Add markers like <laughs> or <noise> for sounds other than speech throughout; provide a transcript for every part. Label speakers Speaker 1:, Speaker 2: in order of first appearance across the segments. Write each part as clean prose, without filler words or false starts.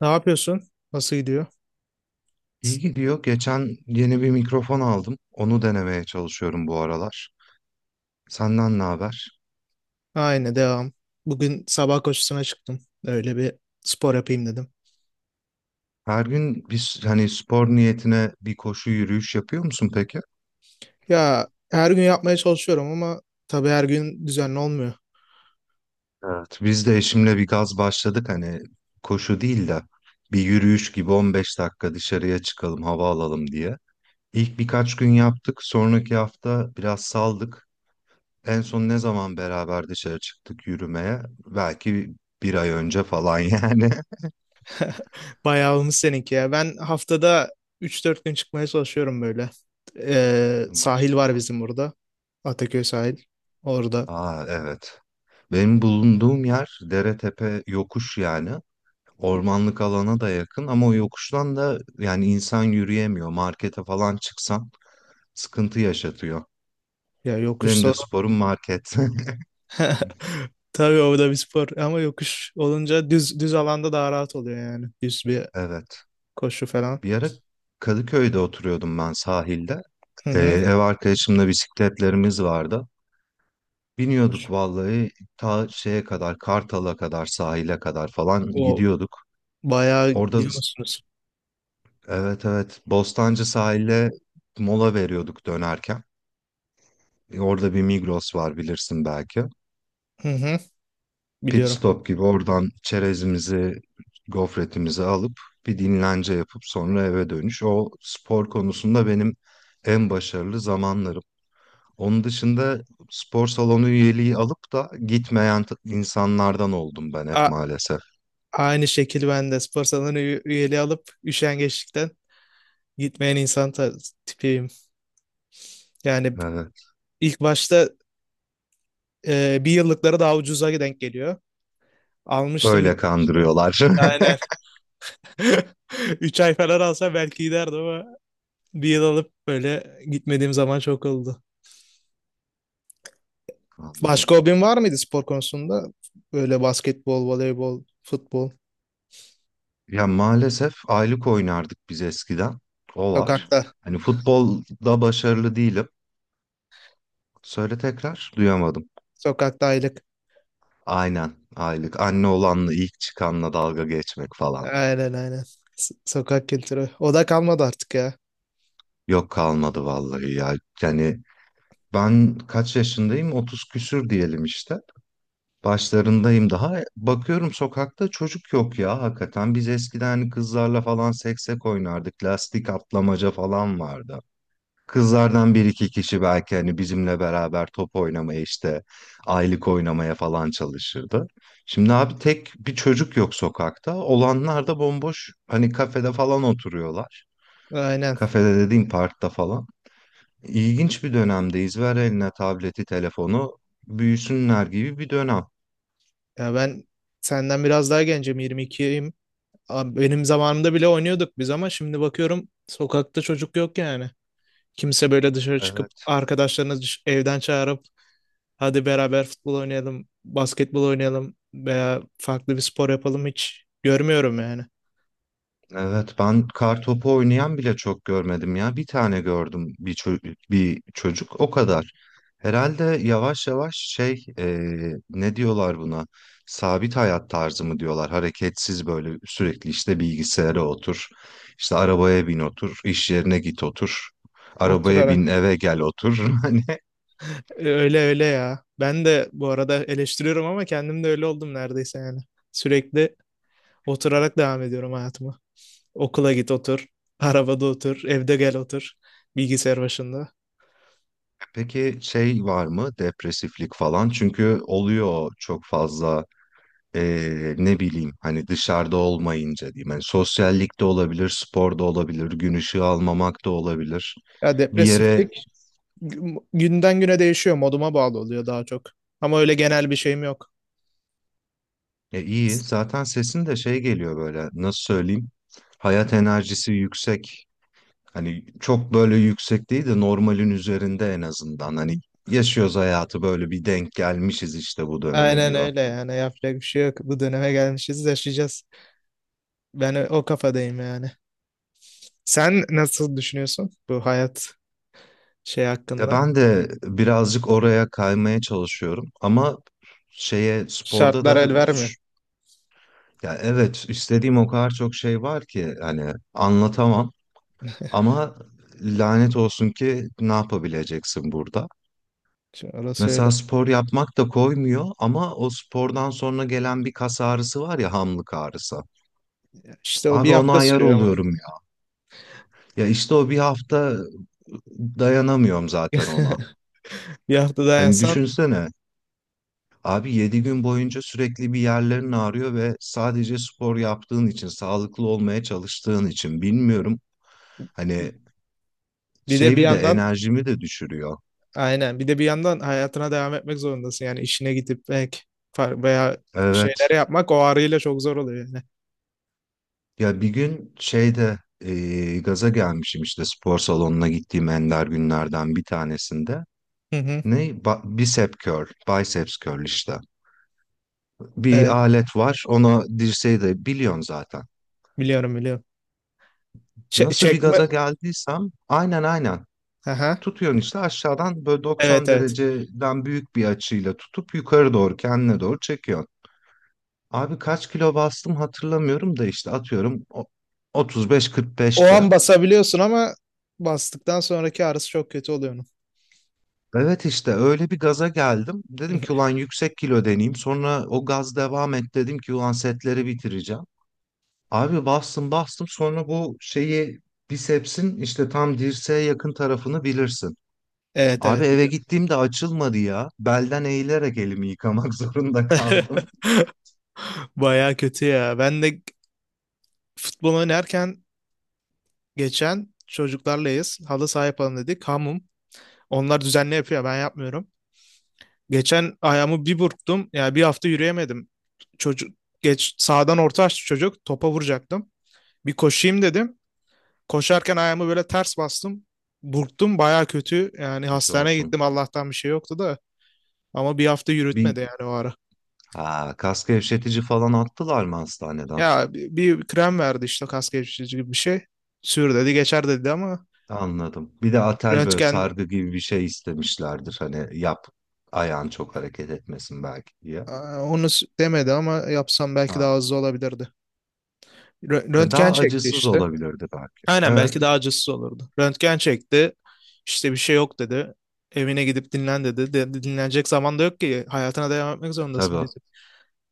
Speaker 1: Ne yapıyorsun? Nasıl gidiyor?
Speaker 2: İyi gidiyor. Geçen yeni bir mikrofon aldım. Onu denemeye çalışıyorum bu aralar. Senden ne haber?
Speaker 1: Aynı devam. Bugün sabah koşusuna çıktım. Öyle bir spor yapayım dedim.
Speaker 2: Her gün biz hani spor niyetine bir koşu yürüyüş yapıyor musun peki?
Speaker 1: Ya her gün yapmaya çalışıyorum ama tabii her gün düzenli olmuyor.
Speaker 2: Evet. Biz de eşimle bir gaz başladık hani koşu değil de bir yürüyüş gibi 15 dakika dışarıya çıkalım hava alalım diye. İlk birkaç gün yaptık. Sonraki hafta biraz saldık. En son ne zaman beraber dışarı çıktık yürümeye? Belki bir ay önce falan yani. <laughs>
Speaker 1: <laughs> Bayağı olmuş seninki ya. Ben haftada üç dört gün çıkmaya çalışıyorum böyle. Sahil
Speaker 2: Maşallah.
Speaker 1: var bizim burada. Ataköy sahil. Orada.
Speaker 2: Aa, evet. Benim bulunduğum yer dere tepe yokuş yani. Ormanlık alana da yakın ama o yokuştan da yani insan yürüyemiyor. Markete falan çıksan sıkıntı yaşatıyor.
Speaker 1: Ya yokuş
Speaker 2: Benim de
Speaker 1: sorun.
Speaker 2: sporum market. <laughs>
Speaker 1: <laughs> Tabii o da bir spor ama yokuş olunca düz düz alanda daha rahat oluyor yani. Düz bir
Speaker 2: Evet.
Speaker 1: koşu falan.
Speaker 2: Bir ara Kadıköy'de oturuyordum ben sahilde.
Speaker 1: Hı hı.
Speaker 2: Ev arkadaşımla bisikletlerimiz vardı. Biniyorduk
Speaker 1: Koşu.
Speaker 2: vallahi ta şeye kadar Kartal'a kadar sahile kadar falan
Speaker 1: O
Speaker 2: gidiyorduk.
Speaker 1: bayağı
Speaker 2: Orada.
Speaker 1: gidiyor musunuz?
Speaker 2: Evet, evet. Bostancı sahile mola veriyorduk dönerken. Orada bir Migros var bilirsin belki.
Speaker 1: Hı hı.
Speaker 2: Pit
Speaker 1: Biliyorum.
Speaker 2: stop gibi oradan çerezimizi, gofretimizi alıp bir dinlence yapıp sonra eve dönüş. O spor konusunda benim en başarılı zamanlarım. Onun dışında spor salonu üyeliği alıp da gitmeyen insanlardan oldum ben hep
Speaker 1: A-
Speaker 2: maalesef.
Speaker 1: Aynı şekil ben de spor salonu üyeliği alıp üşengeçlikten gitmeyen insan tipiyim. Yani
Speaker 2: Evet.
Speaker 1: ilk başta bir yıllıkları daha ucuza denk geliyor. Almıştım
Speaker 2: Öyle
Speaker 1: gitmiştim.
Speaker 2: kandırıyorlar.
Speaker 1: Aynen. <laughs> Üç ay falan alsa belki giderdim ama bir yıl alıp böyle gitmediğim zaman çok oldu.
Speaker 2: <laughs> Anladım.
Speaker 1: Başka hobin var mıydı spor konusunda? Böyle basketbol, voleybol, futbol,
Speaker 2: Ya, maalesef aylık oynardık biz eskiden. O var.
Speaker 1: sokakta.
Speaker 2: Hani futbolda başarılı değilim. Söyle tekrar. Duyamadım.
Speaker 1: Sokakta aylık.
Speaker 2: Aynen, aylık. Anne olanla ilk çıkanla dalga geçmek falan.
Speaker 1: Aynen, aynen. Sokak kültürü. O da kalmadı artık ya.
Speaker 2: Yok, kalmadı vallahi ya. Yani, ben kaç yaşındayım? 30 küsür diyelim işte. Başlarındayım daha. Bakıyorum sokakta çocuk yok ya hakikaten. Biz eskiden hani kızlarla falan seksek oynardık. Lastik atlamaca falan vardı. Kızlardan bir iki kişi belki hani bizimle beraber top oynamaya işte aylık oynamaya falan çalışırdı. Şimdi abi tek bir çocuk yok sokakta. Olanlar da bomboş hani kafede falan oturuyorlar.
Speaker 1: Aynen.
Speaker 2: Kafede dediğim parkta falan. İlginç bir dönemdeyiz. Ver eline tableti, telefonu büyüsünler gibi bir dönem.
Speaker 1: Ya ben senden biraz daha gencim, 22'yim. Abi, benim zamanımda bile oynuyorduk biz ama şimdi bakıyorum sokakta çocuk yok yani. Kimse böyle dışarı çıkıp arkadaşlarını evden çağırıp hadi beraber futbol oynayalım, basketbol oynayalım veya farklı bir spor yapalım hiç görmüyorum yani.
Speaker 2: Evet, ben kartopu oynayan bile çok görmedim ya. Bir tane gördüm bir çocuk o kadar. Herhalde yavaş yavaş şey ne diyorlar buna? Sabit hayat tarzı mı diyorlar? Hareketsiz böyle sürekli işte bilgisayara otur, işte arabaya bin otur, iş yerine git otur, arabaya bin
Speaker 1: Oturarak.
Speaker 2: eve gel otur. <laughs> Hani
Speaker 1: Öyle öyle ya. Ben de bu arada eleştiriyorum ama kendim de öyle oldum neredeyse yani. Sürekli oturarak devam ediyorum hayatıma. Okula git otur. Arabada otur. Evde gel otur. Bilgisayar başında.
Speaker 2: peki şey var mı, depresiflik falan? Çünkü oluyor çok fazla. Ne bileyim hani dışarıda olmayınca diyeyim. Hani sosyallik de olabilir, spor da olabilir, gün ışığı almamak da olabilir.
Speaker 1: Ya
Speaker 2: Bir yere
Speaker 1: depresiflik günden güne değişiyor. Moduma bağlı oluyor daha çok. Ama öyle genel bir şeyim yok.
Speaker 2: e, iyi zaten sesin de şey geliyor, böyle nasıl söyleyeyim, hayat enerjisi yüksek. Hani çok böyle yüksek değil de normalin üzerinde en azından, hani yaşıyoruz hayatı böyle, bir denk gelmişiz işte bu döneme
Speaker 1: Aynen
Speaker 2: gibi.
Speaker 1: öyle yani yapacak bir şey yok. Bu döneme gelmişiz, yaşayacağız. Ben o kafadayım yani. Sen nasıl düşünüyorsun bu hayat şey
Speaker 2: Ya
Speaker 1: hakkında?
Speaker 2: ben de birazcık oraya kaymaya çalışıyorum ama şeye sporda
Speaker 1: Şartlar
Speaker 2: da.
Speaker 1: el vermiyor.
Speaker 2: Ya, evet, istediğim o kadar çok şey var ki hani anlatamam, ama lanet olsun ki ne yapabileceksin burada.
Speaker 1: Şimdi orası öyle.
Speaker 2: Mesela spor yapmak da koymuyor ama o spordan sonra gelen bir kas ağrısı var ya, hamlık ağrısı.
Speaker 1: İşte o bir
Speaker 2: Abi ona
Speaker 1: hafta
Speaker 2: ayar
Speaker 1: sürüyor ama.
Speaker 2: oluyorum ya. Ya işte o bir hafta dayanamıyorum zaten ona.
Speaker 1: <laughs> Bir hafta
Speaker 2: Hani
Speaker 1: dayansan,
Speaker 2: düşünsene abi 7 gün boyunca sürekli bir yerlerin ağrıyor ve sadece spor yaptığın için, sağlıklı olmaya çalıştığın için, bilmiyorum. Hani
Speaker 1: bir de
Speaker 2: şey,
Speaker 1: bir
Speaker 2: bir de
Speaker 1: yandan
Speaker 2: enerjimi de düşürüyor.
Speaker 1: aynen, bir de bir yandan hayatına devam etmek zorundasın. Yani işine gidip belki veya
Speaker 2: Evet.
Speaker 1: şeyleri yapmak o ağrıyla çok zor oluyor yani.
Speaker 2: Ya bir gün şeyde gaza gelmişim işte spor salonuna gittiğim ender günlerden bir tanesinde.
Speaker 1: Hı hı.
Speaker 2: Ne? Bicep curl, biceps curl işte. Bir
Speaker 1: Evet,
Speaker 2: alet var. Ona dirseği de biliyorsun zaten.
Speaker 1: biliyorum, biliyorum.
Speaker 2: Nasıl bir
Speaker 1: Çekme.
Speaker 2: gaza geldiysem, aynen, aynen.
Speaker 1: Aha.
Speaker 2: Tutuyorsun işte aşağıdan böyle
Speaker 1: Evet,
Speaker 2: 90
Speaker 1: evet.
Speaker 2: dereceden büyük bir açıyla tutup yukarı doğru kendine doğru çekiyorsun. Abi kaç kilo bastım hatırlamıyorum da işte atıyorum
Speaker 1: O an
Speaker 2: 35-45'te.
Speaker 1: basabiliyorsun ama bastıktan sonraki ağrısı çok kötü oluyor onun.
Speaker 2: Evet işte öyle bir gaza geldim. Dedim ki ulan
Speaker 1: <laughs>
Speaker 2: yüksek kilo deneyeyim. Sonra o gaz devam et dedim ki ulan setleri bitireceğim. Abi bastım bastım, sonra bu şeyi, bisepsin işte tam dirseğe yakın tarafını bilirsin.
Speaker 1: Evet,
Speaker 2: Abi
Speaker 1: evet.
Speaker 2: eve gittiğimde açılmadı ya. Belden eğilerek elimi yıkamak <laughs> zorunda kaldım.
Speaker 1: <laughs> Baya kötü ya. Ben de futbol oynarken geçen çocuklarlayız. Halı saha yapalım dedik. Hamum. Onlar düzenli yapıyor. Ben yapmıyorum. Geçen ayağımı bir burktum. Yani bir hafta yürüyemedim. Çocuk geç sağdan orta açtı çocuk. Topa vuracaktım. Bir koşayım dedim. Koşarken ayağımı böyle ters bastım. Burktum baya kötü. Yani
Speaker 2: Bir şey
Speaker 1: hastaneye
Speaker 2: olsun.
Speaker 1: gittim. Allah'tan bir şey yoktu da. Ama bir hafta
Speaker 2: Bir
Speaker 1: yürütmedi yani o ara.
Speaker 2: ha, Kas gevşetici falan attılar mı hastaneden?
Speaker 1: Ya bir krem verdi işte kas gevşetici gibi bir şey. Sür dedi, geçer dedi ama
Speaker 2: Anladım. Bir de atel böyle
Speaker 1: röntgen.
Speaker 2: sargı gibi bir şey istemişlerdir. Hani yap, ayağın çok hareket etmesin belki diye.
Speaker 1: Hmm. Onu demedi ama yapsam belki
Speaker 2: Ha.
Speaker 1: daha hızlı olabilirdi.
Speaker 2: Ya
Speaker 1: Röntgen
Speaker 2: daha
Speaker 1: çekti
Speaker 2: acısız
Speaker 1: işte.
Speaker 2: olabilirdi belki.
Speaker 1: Aynen
Speaker 2: Evet,
Speaker 1: belki daha acısız olurdu. Röntgen çekti. İşte bir şey yok dedi. Evine gidip dinlen dedi. Dinlenecek zaman da yok ki. Hayatına devam etmek zorundasın
Speaker 2: tabii.
Speaker 1: bizim.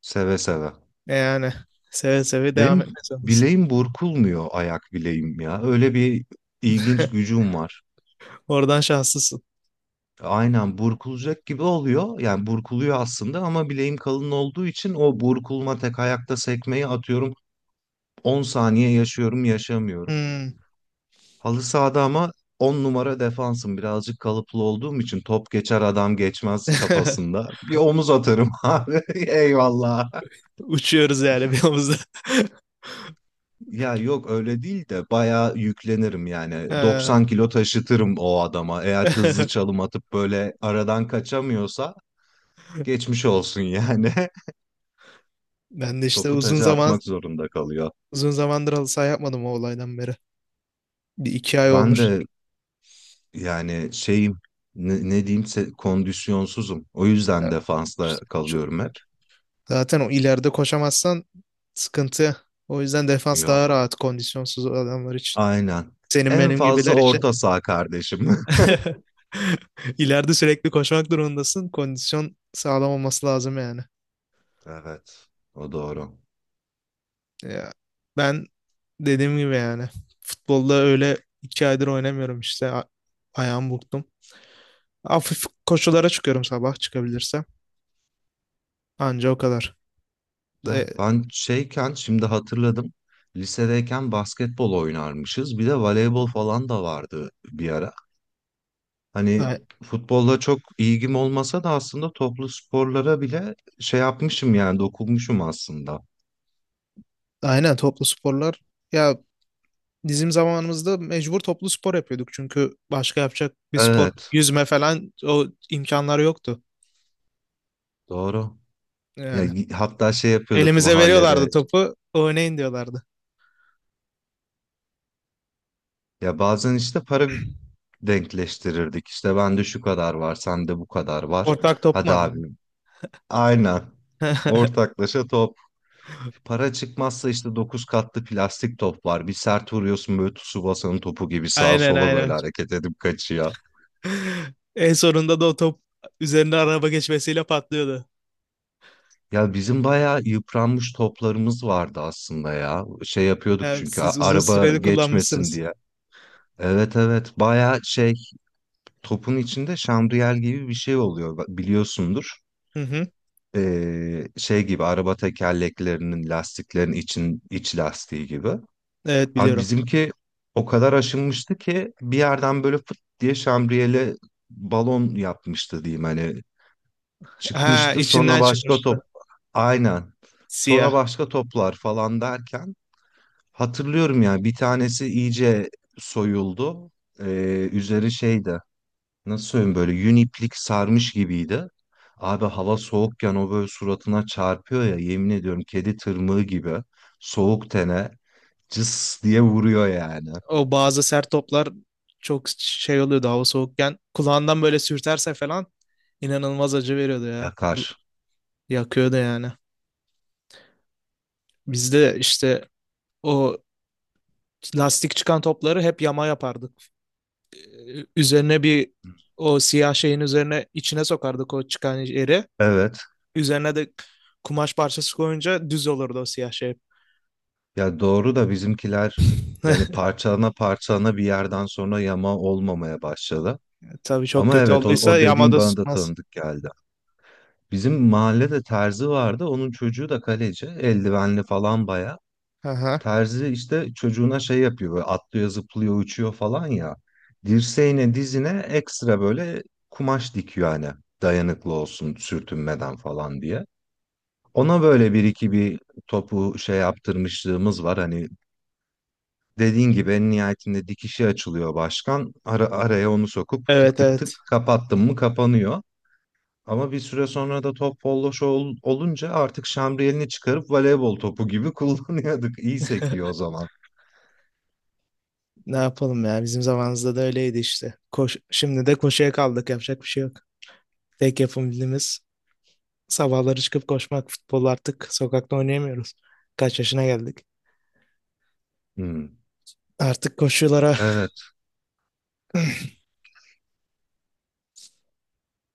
Speaker 2: Seve seve.
Speaker 1: Yani seve seve devam
Speaker 2: Benim
Speaker 1: etmek zorundasın.
Speaker 2: bileğim burkulmuyor, ayak bileğim ya. Öyle bir ilginç
Speaker 1: <laughs>
Speaker 2: gücüm var.
Speaker 1: Oradan şanslısın.
Speaker 2: Aynen, burkulacak gibi oluyor. Yani burkuluyor aslında ama bileğim kalın olduğu için o burkulma, tek ayakta sekmeyi atıyorum. 10 saniye yaşıyorum, yaşamıyorum.
Speaker 1: Hmm.
Speaker 2: Halı sahada ama 10 numara defansım. Birazcık kalıplı olduğum için top geçer adam geçmez
Speaker 1: <laughs>
Speaker 2: kafasında. Bir omuz atarım <laughs> abi. Eyvallah.
Speaker 1: Uçuyoruz yani bir omuzda. <laughs>
Speaker 2: Ya yok öyle değil de bayağı yüklenirim, yani
Speaker 1: Ha.
Speaker 2: 90 kilo taşıtırım o adama eğer hızlı
Speaker 1: <laughs>
Speaker 2: çalım atıp böyle aradan kaçamıyorsa. Geçmiş olsun yani.
Speaker 1: Ben de
Speaker 2: <laughs>
Speaker 1: işte
Speaker 2: Topu taca atmak zorunda kalıyor.
Speaker 1: uzun zamandır halı saha yapmadım o olaydan beri. Bir iki ay
Speaker 2: Ben
Speaker 1: olmuştur.
Speaker 2: de yani şeyim, ne diyeyim, kondisyonsuzum, o yüzden
Speaker 1: Yani
Speaker 2: defansta
Speaker 1: işte
Speaker 2: kalıyorum hep.
Speaker 1: zaten o ileride koşamazsan sıkıntı. O yüzden defans daha
Speaker 2: Yok,
Speaker 1: rahat kondisyonsuz adamlar için.
Speaker 2: aynen,
Speaker 1: Senin
Speaker 2: en
Speaker 1: benim
Speaker 2: fazla
Speaker 1: gibiler için.
Speaker 2: orta saha kardeşim. <laughs>
Speaker 1: <laughs> İleride sürekli koşmak durumundasın. Kondisyon sağlam olması lazım yani.
Speaker 2: Evet, o doğru.
Speaker 1: Ya, ben dediğim gibi yani futbolda öyle iki aydır oynamıyorum işte. Ayağımı burktum. Hafif koşulara çıkıyorum sabah çıkabilirsem. Anca o kadar. E,
Speaker 2: Ya ben şeyken şimdi hatırladım. Lisedeyken basketbol oynarmışız. Bir de voleybol falan da vardı bir ara. Hani
Speaker 1: a-
Speaker 2: futbolla çok ilgim olmasa da aslında toplu sporlara bile şey yapmışım yani, dokunmuşum aslında.
Speaker 1: aynen toplu sporlar. Ya bizim zamanımızda mecbur toplu spor yapıyorduk çünkü başka yapacak bir spor,
Speaker 2: Evet,
Speaker 1: yüzme falan o imkanlar yoktu.
Speaker 2: doğru. Ya
Speaker 1: Yani
Speaker 2: hatta şey yapıyorduk
Speaker 1: elimize
Speaker 2: mahallede.
Speaker 1: veriyorlardı topu, oynayın diyorlardı.
Speaker 2: Ya bazen işte para denkleştirirdik. İşte bende şu kadar var, sende bu kadar var.
Speaker 1: Ortak top mu
Speaker 2: Hadi
Speaker 1: alın?
Speaker 2: abim. Aynen.
Speaker 1: <laughs>
Speaker 2: Ortaklaşa top Para çıkmazsa işte 9 katlı plastik top var. Bir sert vuruyorsun böyle Tsubasa'nın topu gibi sağa
Speaker 1: Aynen,
Speaker 2: sola böyle
Speaker 1: aynen.
Speaker 2: hareket edip kaçıyor.
Speaker 1: En sonunda da o top üzerinde araba geçmesiyle patlıyordu.
Speaker 2: Ya bizim bayağı yıpranmış toplarımız vardı aslında ya. Şey yapıyorduk
Speaker 1: Yani
Speaker 2: çünkü
Speaker 1: siz uzun
Speaker 2: araba
Speaker 1: süreli
Speaker 2: geçmesin
Speaker 1: kullanmışsınız.
Speaker 2: diye. Evet, evet, bayağı şey, topun içinde şamriyel gibi bir şey oluyor biliyorsundur.
Speaker 1: Hı hı.
Speaker 2: Şey gibi araba tekerleklerinin, lastiklerin için iç lastiği gibi.
Speaker 1: Evet,
Speaker 2: Abi
Speaker 1: biliyorum.
Speaker 2: bizimki o kadar aşınmıştı ki bir yerden böyle fıt diye şambriyeli balon yapmıştı diyeyim, hani
Speaker 1: Ha,
Speaker 2: çıkmıştı, sonra
Speaker 1: içinden
Speaker 2: başka top,
Speaker 1: çıkmıştı.
Speaker 2: aynen, sonra
Speaker 1: Siyah.
Speaker 2: başka toplar falan derken hatırlıyorum ya bir tanesi iyice soyuldu. Üzeri şeydi, nasıl söyleyeyim, böyle yün iplik sarmış gibiydi. Abi hava soğukken o böyle suratına çarpıyor ya, yemin ediyorum, kedi tırmığı gibi soğuk tene cıs diye vuruyor yani.
Speaker 1: O bazı sert toplar çok şey oluyordu hava soğukken. Kulağından böyle sürterse falan inanılmaz acı veriyordu ya.
Speaker 2: Yakar.
Speaker 1: Yakıyordu yani. Biz de işte o lastik çıkan topları hep yama yapardık. Ee, Üzerine bir o siyah şeyin üzerine içine sokardık o çıkan yeri.
Speaker 2: Evet.
Speaker 1: Üzerine de kumaş parçası koyunca düz olurdu o siyah şey.
Speaker 2: Ya doğru da bizimkiler yani
Speaker 1: <laughs>
Speaker 2: parçalana parçalana bir yerden sonra yama olmamaya başladı.
Speaker 1: Tabii çok
Speaker 2: Ama
Speaker 1: kötü
Speaker 2: evet, o,
Speaker 1: olduysa
Speaker 2: o
Speaker 1: yamada,
Speaker 2: dediğim
Speaker 1: anladım,
Speaker 2: bana da
Speaker 1: sıkmaz.
Speaker 2: tanıdık geldi. Bizim mahallede terzi vardı. Onun çocuğu da kaleci. Eldivenli falan baya.
Speaker 1: Aha.
Speaker 2: Terzi işte çocuğuna şey yapıyor. Böyle atlıyor, zıplıyor, uçuyor falan ya. Dirseğine, dizine ekstra böyle kumaş dikiyor hani. Dayanıklı olsun sürtünmeden falan diye. Ona böyle bir iki bir topu şey yaptırmışlığımız var. Hani dediğin gibi en nihayetinde dikişi açılıyor başkan. Araya onu sokup tık
Speaker 1: Evet,
Speaker 2: tık
Speaker 1: evet.
Speaker 2: tık kapattın mı kapanıyor. Ama bir süre sonra da top bolloş olunca artık şamriyelini çıkarıp voleybol topu gibi <laughs> kullanıyorduk. İyi
Speaker 1: <laughs>
Speaker 2: sekiyor o zaman.
Speaker 1: Ne yapalım ya bizim zamanımızda da öyleydi işte. Şimdi de koşuya kaldık yapacak bir şey yok. Tek yapabildiğimiz sabahları çıkıp koşmak futbol artık sokakta oynayamıyoruz. Kaç yaşına geldik.
Speaker 2: Hmm,
Speaker 1: Artık koşulara
Speaker 2: evet.